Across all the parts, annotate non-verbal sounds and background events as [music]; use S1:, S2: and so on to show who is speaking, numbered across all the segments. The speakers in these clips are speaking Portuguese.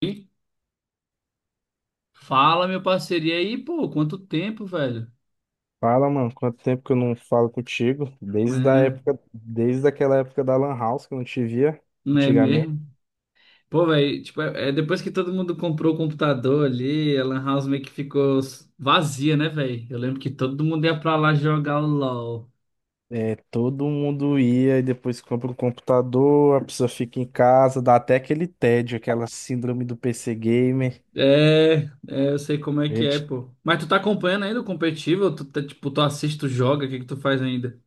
S1: E Fala, meu parceiro. E aí, pô, quanto tempo, velho?
S2: Fala, mano, quanto tempo que eu não falo contigo? Desde a
S1: Né.
S2: época, desde aquela época da Lan House que eu não te via
S1: Não é
S2: antigamente.
S1: mesmo? Pô, velho, tipo, é depois que todo mundo comprou o computador ali, a Lan House meio que ficou vazia, né, velho? Eu lembro que todo mundo ia pra lá jogar o LOL.
S2: É, todo mundo ia e depois compra um computador, a pessoa fica em casa, dá até aquele tédio, aquela síndrome do PC gamer.
S1: É, é, eu sei como é
S2: A
S1: que é,
S2: gente,
S1: pô. Mas tu tá acompanhando ainda o competitivo? Tu tá, tipo, tu assiste, tu joga, o que que tu faz ainda?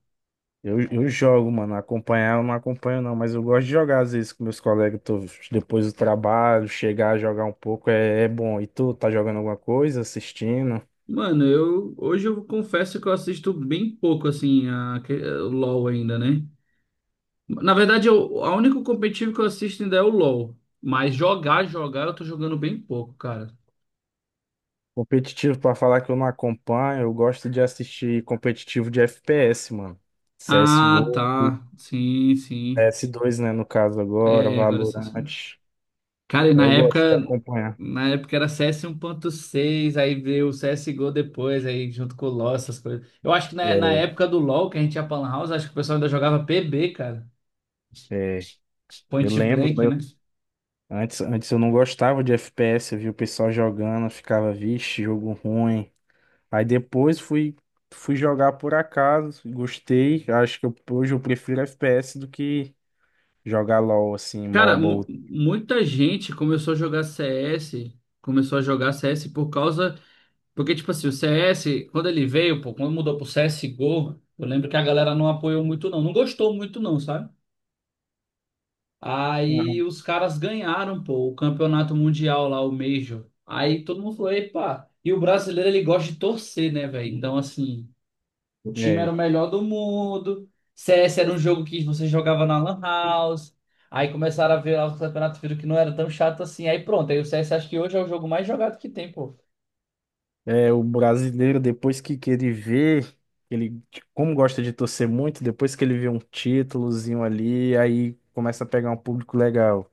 S2: eu jogo, mano, acompanhar eu não acompanho não, mas eu gosto de jogar às vezes com meus colegas, depois do trabalho, chegar a jogar um pouco é bom. E tu, tá jogando alguma coisa, assistindo?
S1: Mano, eu hoje eu confesso que eu assisto bem pouco assim o LoL ainda, né? Na verdade, a único competitivo que eu assisto ainda é o LoL. Mas jogar, eu tô jogando bem pouco, cara.
S2: Competitivo, pra falar que eu não acompanho, eu gosto de assistir competitivo de FPS, mano.
S1: Ah,
S2: CSGO, G O,
S1: tá. Sim,
S2: P
S1: sim.
S2: S dois, né, no caso agora,
S1: É, agora você.
S2: Valorant.
S1: Cara, e na
S2: Eu gosto de
S1: época.
S2: acompanhar.
S1: Na época era CS 1.6, aí veio o CSGO depois, aí junto com o LoL, essas coisas. Eu acho que na
S2: É,
S1: época do LoL, que a gente ia pra Lan House, acho que o pessoal ainda jogava PB, cara.
S2: é, eu
S1: Point
S2: lembro,
S1: Blank, né?
S2: antes eu não gostava de FPS, eu via o pessoal jogando, eu ficava, vixe, jogo ruim. Aí fui jogar por acaso, gostei. Acho que hoje eu prefiro FPS do que jogar LOL, assim,
S1: Cara,
S2: MOBA.
S1: muita gente começou a jogar CS, começou a jogar CS por causa porque, tipo assim, o CS, quando ele veio, pô, quando mudou pro CSGO, eu lembro que a galera não apoiou muito, não. Não gostou muito, não, sabe? Aí
S2: Aham.
S1: os caras ganharam, pô, o campeonato mundial lá, o Major. Aí todo mundo falou, epa. E o brasileiro, ele gosta de torcer, né, velho? Então, assim, o time era
S2: É.
S1: o melhor do mundo. CS era um jogo que você jogava na Lan House. Aí começaram a ver lá os campeonatos, viram que não era tão chato assim. Aí pronto, aí o CS acho que hoje é o jogo mais jogado que tem, pô.
S2: O brasileiro, depois que ele vê, ele, como gosta de torcer muito, depois que ele vê um títulozinho ali, aí começa a pegar um público legal.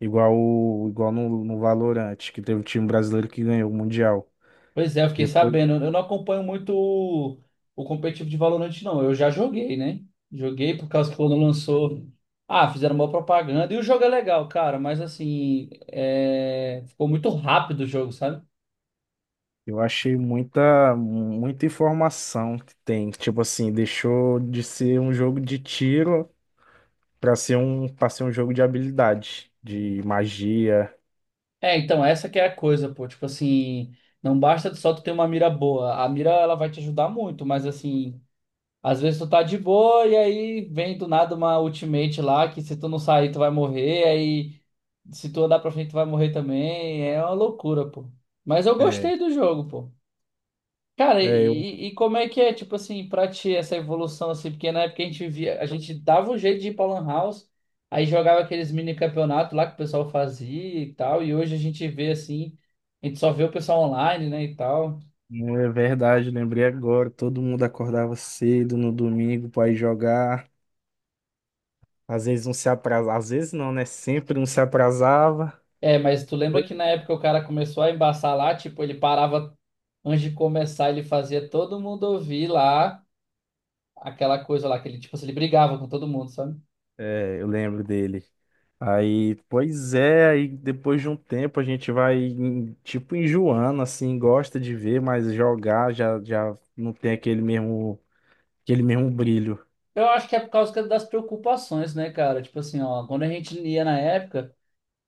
S2: Igual, o- igual no, no Valorant, que teve um time brasileiro que ganhou o Mundial.
S1: Pois é, eu fiquei
S2: Depois,
S1: sabendo. Eu não acompanho muito o competitivo de Valorant, não. Eu já joguei, né? Joguei por causa que quando lançou. Ah, fizeram uma propaganda. E o jogo é legal, cara, mas assim, é, ficou muito rápido o jogo, sabe?
S2: eu achei muita, muita informação que tem. Tipo assim, deixou de ser um jogo de tiro para ser um jogo de habilidade, de magia.
S1: É, então, essa que é a coisa, pô. Tipo assim, não basta só tu ter uma mira boa. A mira, ela vai te ajudar muito, mas assim. Às vezes tu tá de boa e aí vem do nada uma ultimate lá que se tu não sair tu vai morrer, aí se tu andar pra frente tu vai morrer também. É uma loucura, pô. Mas eu
S2: É,
S1: gostei do jogo, pô. Cara,
S2: é,
S1: e como é que é, tipo assim, pra ti essa evolução assim? Porque na época a gente via a gente dava um jeito de ir pra Lan House, aí jogava aqueles mini campeonatos lá que o pessoal fazia e tal, e hoje a gente vê assim, a gente só vê o pessoal online, né, e tal.
S2: não é verdade, lembrei agora. Todo mundo acordava cedo no domingo para ir jogar. Às vezes não se atrasava, às vezes não, né? Sempre não se atrasava.
S1: É, mas tu lembra
S2: Pois.
S1: que na época o cara começou a embaçar lá, tipo, ele parava antes de começar, ele fazia todo mundo ouvir lá aquela coisa lá, que ele, tipo assim, ele brigava com todo mundo, sabe?
S2: É, eu lembro dele. Aí, pois é, aí depois de um tempo a gente vai, tipo, enjoando, assim, gosta de ver, mas jogar já, já não tem aquele mesmo brilho.
S1: Eu acho que é por causa das preocupações, né, cara? Tipo assim, ó, quando a gente ia na época,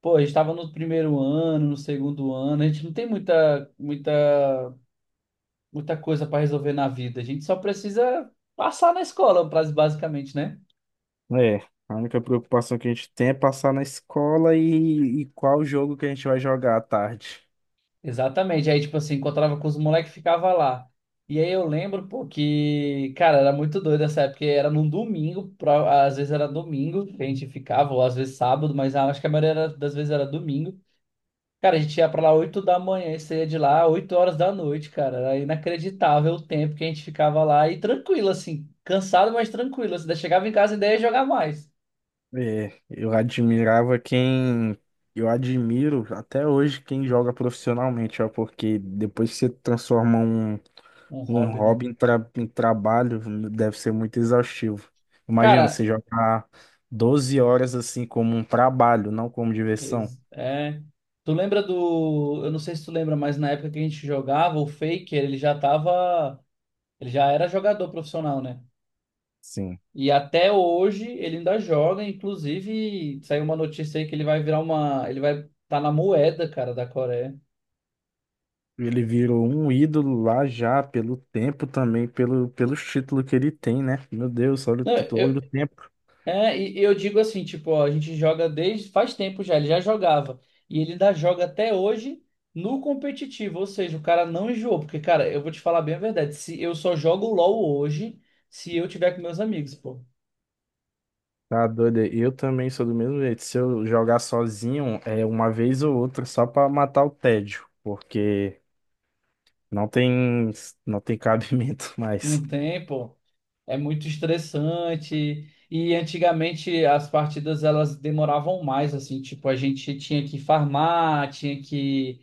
S1: pô, a gente tava no primeiro ano, no segundo ano, a gente não tem muita coisa pra resolver na vida, a gente só precisa passar na escola, basicamente, né?
S2: É, a única preocupação que a gente tem é passar na escola e qual jogo que a gente vai jogar à tarde.
S1: Exatamente. Aí, tipo assim, encontrava com os moleques e ficava lá. E aí eu lembro, pô, que, cara, era muito doido essa época, porque era num domingo, às vezes era domingo que a gente ficava, ou às vezes sábado, mas ah, acho que a maioria das vezes era domingo. Cara, a gente ia pra lá 8 da manhã e saía de lá 8 horas da noite, cara. Era inacreditável o tempo que a gente ficava lá e tranquilo, assim, cansado, mas tranquilo. Assim, daí chegava em casa e daí ia jogar mais.
S2: É, eu admirava quem. Eu admiro até hoje quem joga profissionalmente, ó, porque depois que você transforma
S1: Um
S2: um
S1: hobby, né?
S2: hobby em, em trabalho, deve ser muito exaustivo. Imagina,
S1: Cara,
S2: você jogar 12 horas assim como um trabalho, não como diversão.
S1: É. Tu lembra do. Eu não sei se tu lembra, mas na época que a gente jogava, o Faker, ele já tava. Ele já era jogador profissional, né?
S2: Sim.
S1: E até hoje ele ainda joga. Inclusive, saiu uma notícia aí que ele vai virar uma. Ele vai estar na moeda, cara, da Coreia.
S2: Ele virou um ídolo lá já, pelo tempo também, pelos títulos que ele tem, né? Meu Deus, olha o
S1: Não,
S2: título, olha o tempo.
S1: é, e eu digo assim, tipo, ó, a gente joga desde faz tempo já, ele já jogava. E ele ainda joga até hoje no competitivo, ou seja, o cara não enjoou, porque, cara, eu vou te falar bem a verdade, se eu só jogo LoL hoje se eu tiver com meus amigos, pô.
S2: Tá doido? Eu também sou do mesmo jeito. Se eu jogar sozinho, é uma vez ou outra só pra matar o tédio, porque não tem não tem cabimento [laughs] mais.
S1: Não tem, pô. É muito estressante. E antigamente as partidas elas demoravam mais, assim, tipo, a gente tinha que farmar, tinha que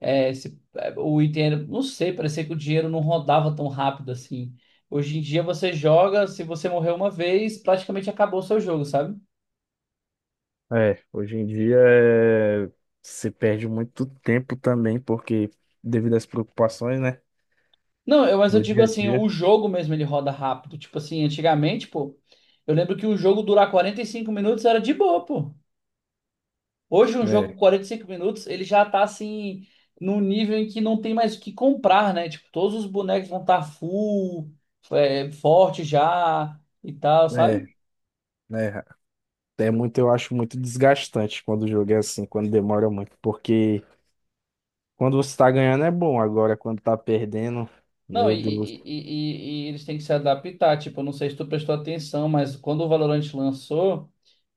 S1: é, é, o dinheiro, não sei, parecia que o dinheiro não rodava tão rápido assim. Hoje em dia você joga, se você morrer uma vez, praticamente acabou o seu jogo, sabe?
S2: É, hoje em dia é, se perde muito tempo também, porque devido às preocupações, né,
S1: Não, eu, mas eu
S2: do
S1: digo
S2: dia a
S1: assim, o
S2: dia.
S1: jogo mesmo ele roda rápido. Tipo assim, antigamente, pô, eu lembro que um jogo durar 45 minutos era de boa, pô. Hoje um jogo
S2: É,
S1: 45 minutos, ele já tá assim, num nível em que não tem mais o que comprar, né? Tipo, todos os bonecos vão estar full, é, forte já e tal,
S2: é,
S1: sabe?
S2: né, é muito, eu acho muito desgastante quando o jogo é assim, quando demora muito, porque quando você tá ganhando é bom, agora quando tá perdendo,
S1: Não,
S2: meu Deus.
S1: e eles têm que se adaptar. Tipo, eu não sei se tu prestou atenção, mas quando o Valorant lançou,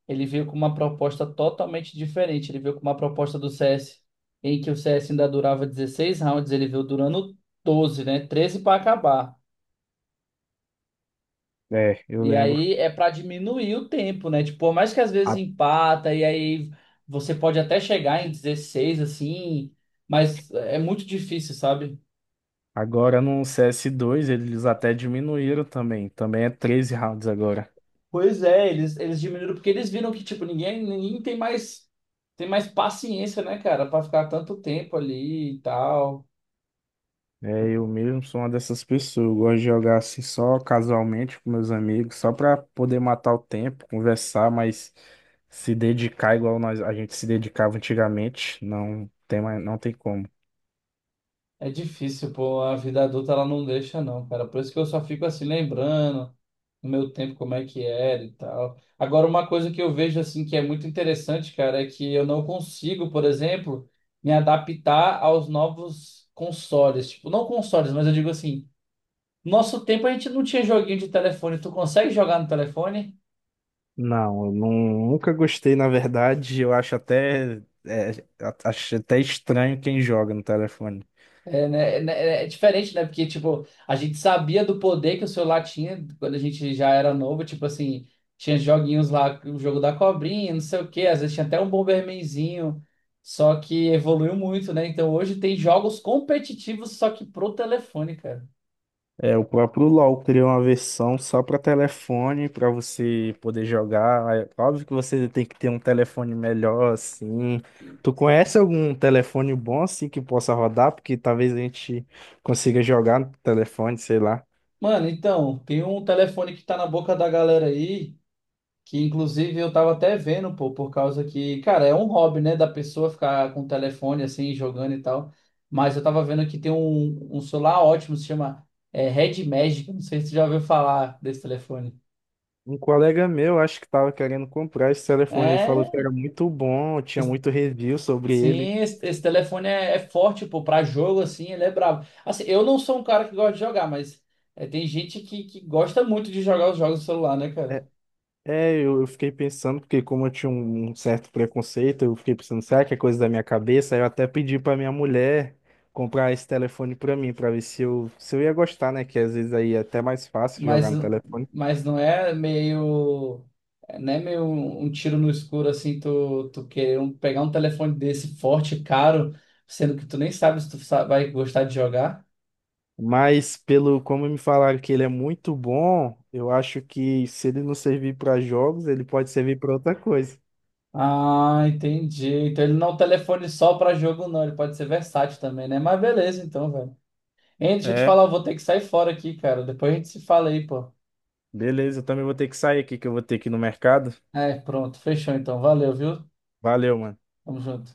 S1: ele veio com uma proposta totalmente diferente. Ele veio com uma proposta do CS, em que o CS ainda durava 16 rounds, ele veio durando 12, né? 13 para acabar.
S2: É, eu
S1: E
S2: lembro.
S1: aí é para diminuir o tempo, né? Tipo, por mais que às vezes empata, e aí você pode até chegar em 16, assim, mas é muito difícil, sabe?
S2: Agora no CS2 eles até diminuíram também. Também é 13 rounds agora.
S1: Pois é, eles diminuíram porque eles viram que, tipo, ninguém tem mais paciência, né, cara, pra ficar tanto tempo ali e tal.
S2: É, eu mesmo sou uma dessas pessoas. Eu gosto de jogar assim só casualmente com meus amigos, só pra poder matar o tempo, conversar, mas se dedicar igual nós, a gente se dedicava antigamente, não tem mais, não tem como.
S1: É difícil, pô, a vida adulta ela não deixa, não, cara. Por isso que eu só fico assim lembrando no meu tempo como é que era e tal. Agora, uma coisa que eu vejo, assim, que é muito interessante, cara, é que eu não consigo, por exemplo, me adaptar aos novos consoles. Tipo, não consoles, mas eu digo assim, nosso tempo a gente não tinha joguinho de telefone. Tu consegue jogar no telefone?
S2: Não, eu não, nunca gostei, na verdade. Eu acho até, acho até estranho quem joga no telefone.
S1: É, né, é, né, é diferente, né? Porque, tipo, a gente sabia do poder que o celular tinha quando a gente já era novo. Tipo assim, tinha joguinhos lá, o jogo da cobrinha, não sei o quê. Às vezes tinha até um Bombermanzinho. Só que evoluiu muito, né? Então hoje tem jogos competitivos, só que pro telefone, cara.
S2: É, o próprio LoL criou uma versão só para telefone, para você poder jogar. É óbvio que você tem que ter um telefone melhor, assim. Tu conhece algum telefone bom, assim, que possa rodar? Porque talvez a gente consiga jogar no telefone, sei lá.
S1: Mano, então, tem um telefone que tá na boca da galera aí. Que inclusive eu tava até vendo, pô, por causa que, cara, é um hobby, né, da pessoa ficar com o telefone assim, jogando e tal. Mas eu tava vendo que tem um celular ótimo, se chama é, Red Magic. Não sei se você já ouviu falar desse telefone.
S2: Um colega meu, acho que estava querendo comprar esse telefone, ele falou
S1: É,
S2: que era muito bom, tinha
S1: es-
S2: muito review sobre ele.
S1: sim, esse telefone é, é forte, pô, pra jogo assim, ele é brabo. Assim, eu não sou um cara que gosta de jogar, mas é, tem gente que gosta muito de jogar os jogos do celular, né, cara?
S2: É, eu fiquei pensando, porque como eu tinha um certo preconceito, eu fiquei pensando, será que é coisa da minha cabeça? Aí eu até pedi pra minha mulher comprar esse telefone pra mim, pra ver se eu, se eu ia gostar, né? Que às vezes aí é até mais fácil
S1: Mas,
S2: jogar no telefone.
S1: mas não é meio, né meio um tiro no escuro assim, tu querer pegar um telefone desse forte, caro, sendo que tu nem sabe se tu vai gostar de jogar.
S2: Mas pelo como me falaram que ele é muito bom, eu acho que se ele não servir pra jogos, ele pode servir pra outra coisa.
S1: Ah, entendi. Então ele não é um telefone só para jogo, não. Ele pode ser versátil também, né? Mas beleza, então, velho. Hein, deixa eu te
S2: É,
S1: falar, eu vou ter que sair fora aqui, cara. Depois a gente se fala aí, pô.
S2: beleza, eu também vou ter que sair aqui, que eu vou ter que ir no mercado.
S1: É, pronto, fechou então. Valeu, viu?
S2: Valeu, mano.
S1: Tamo junto.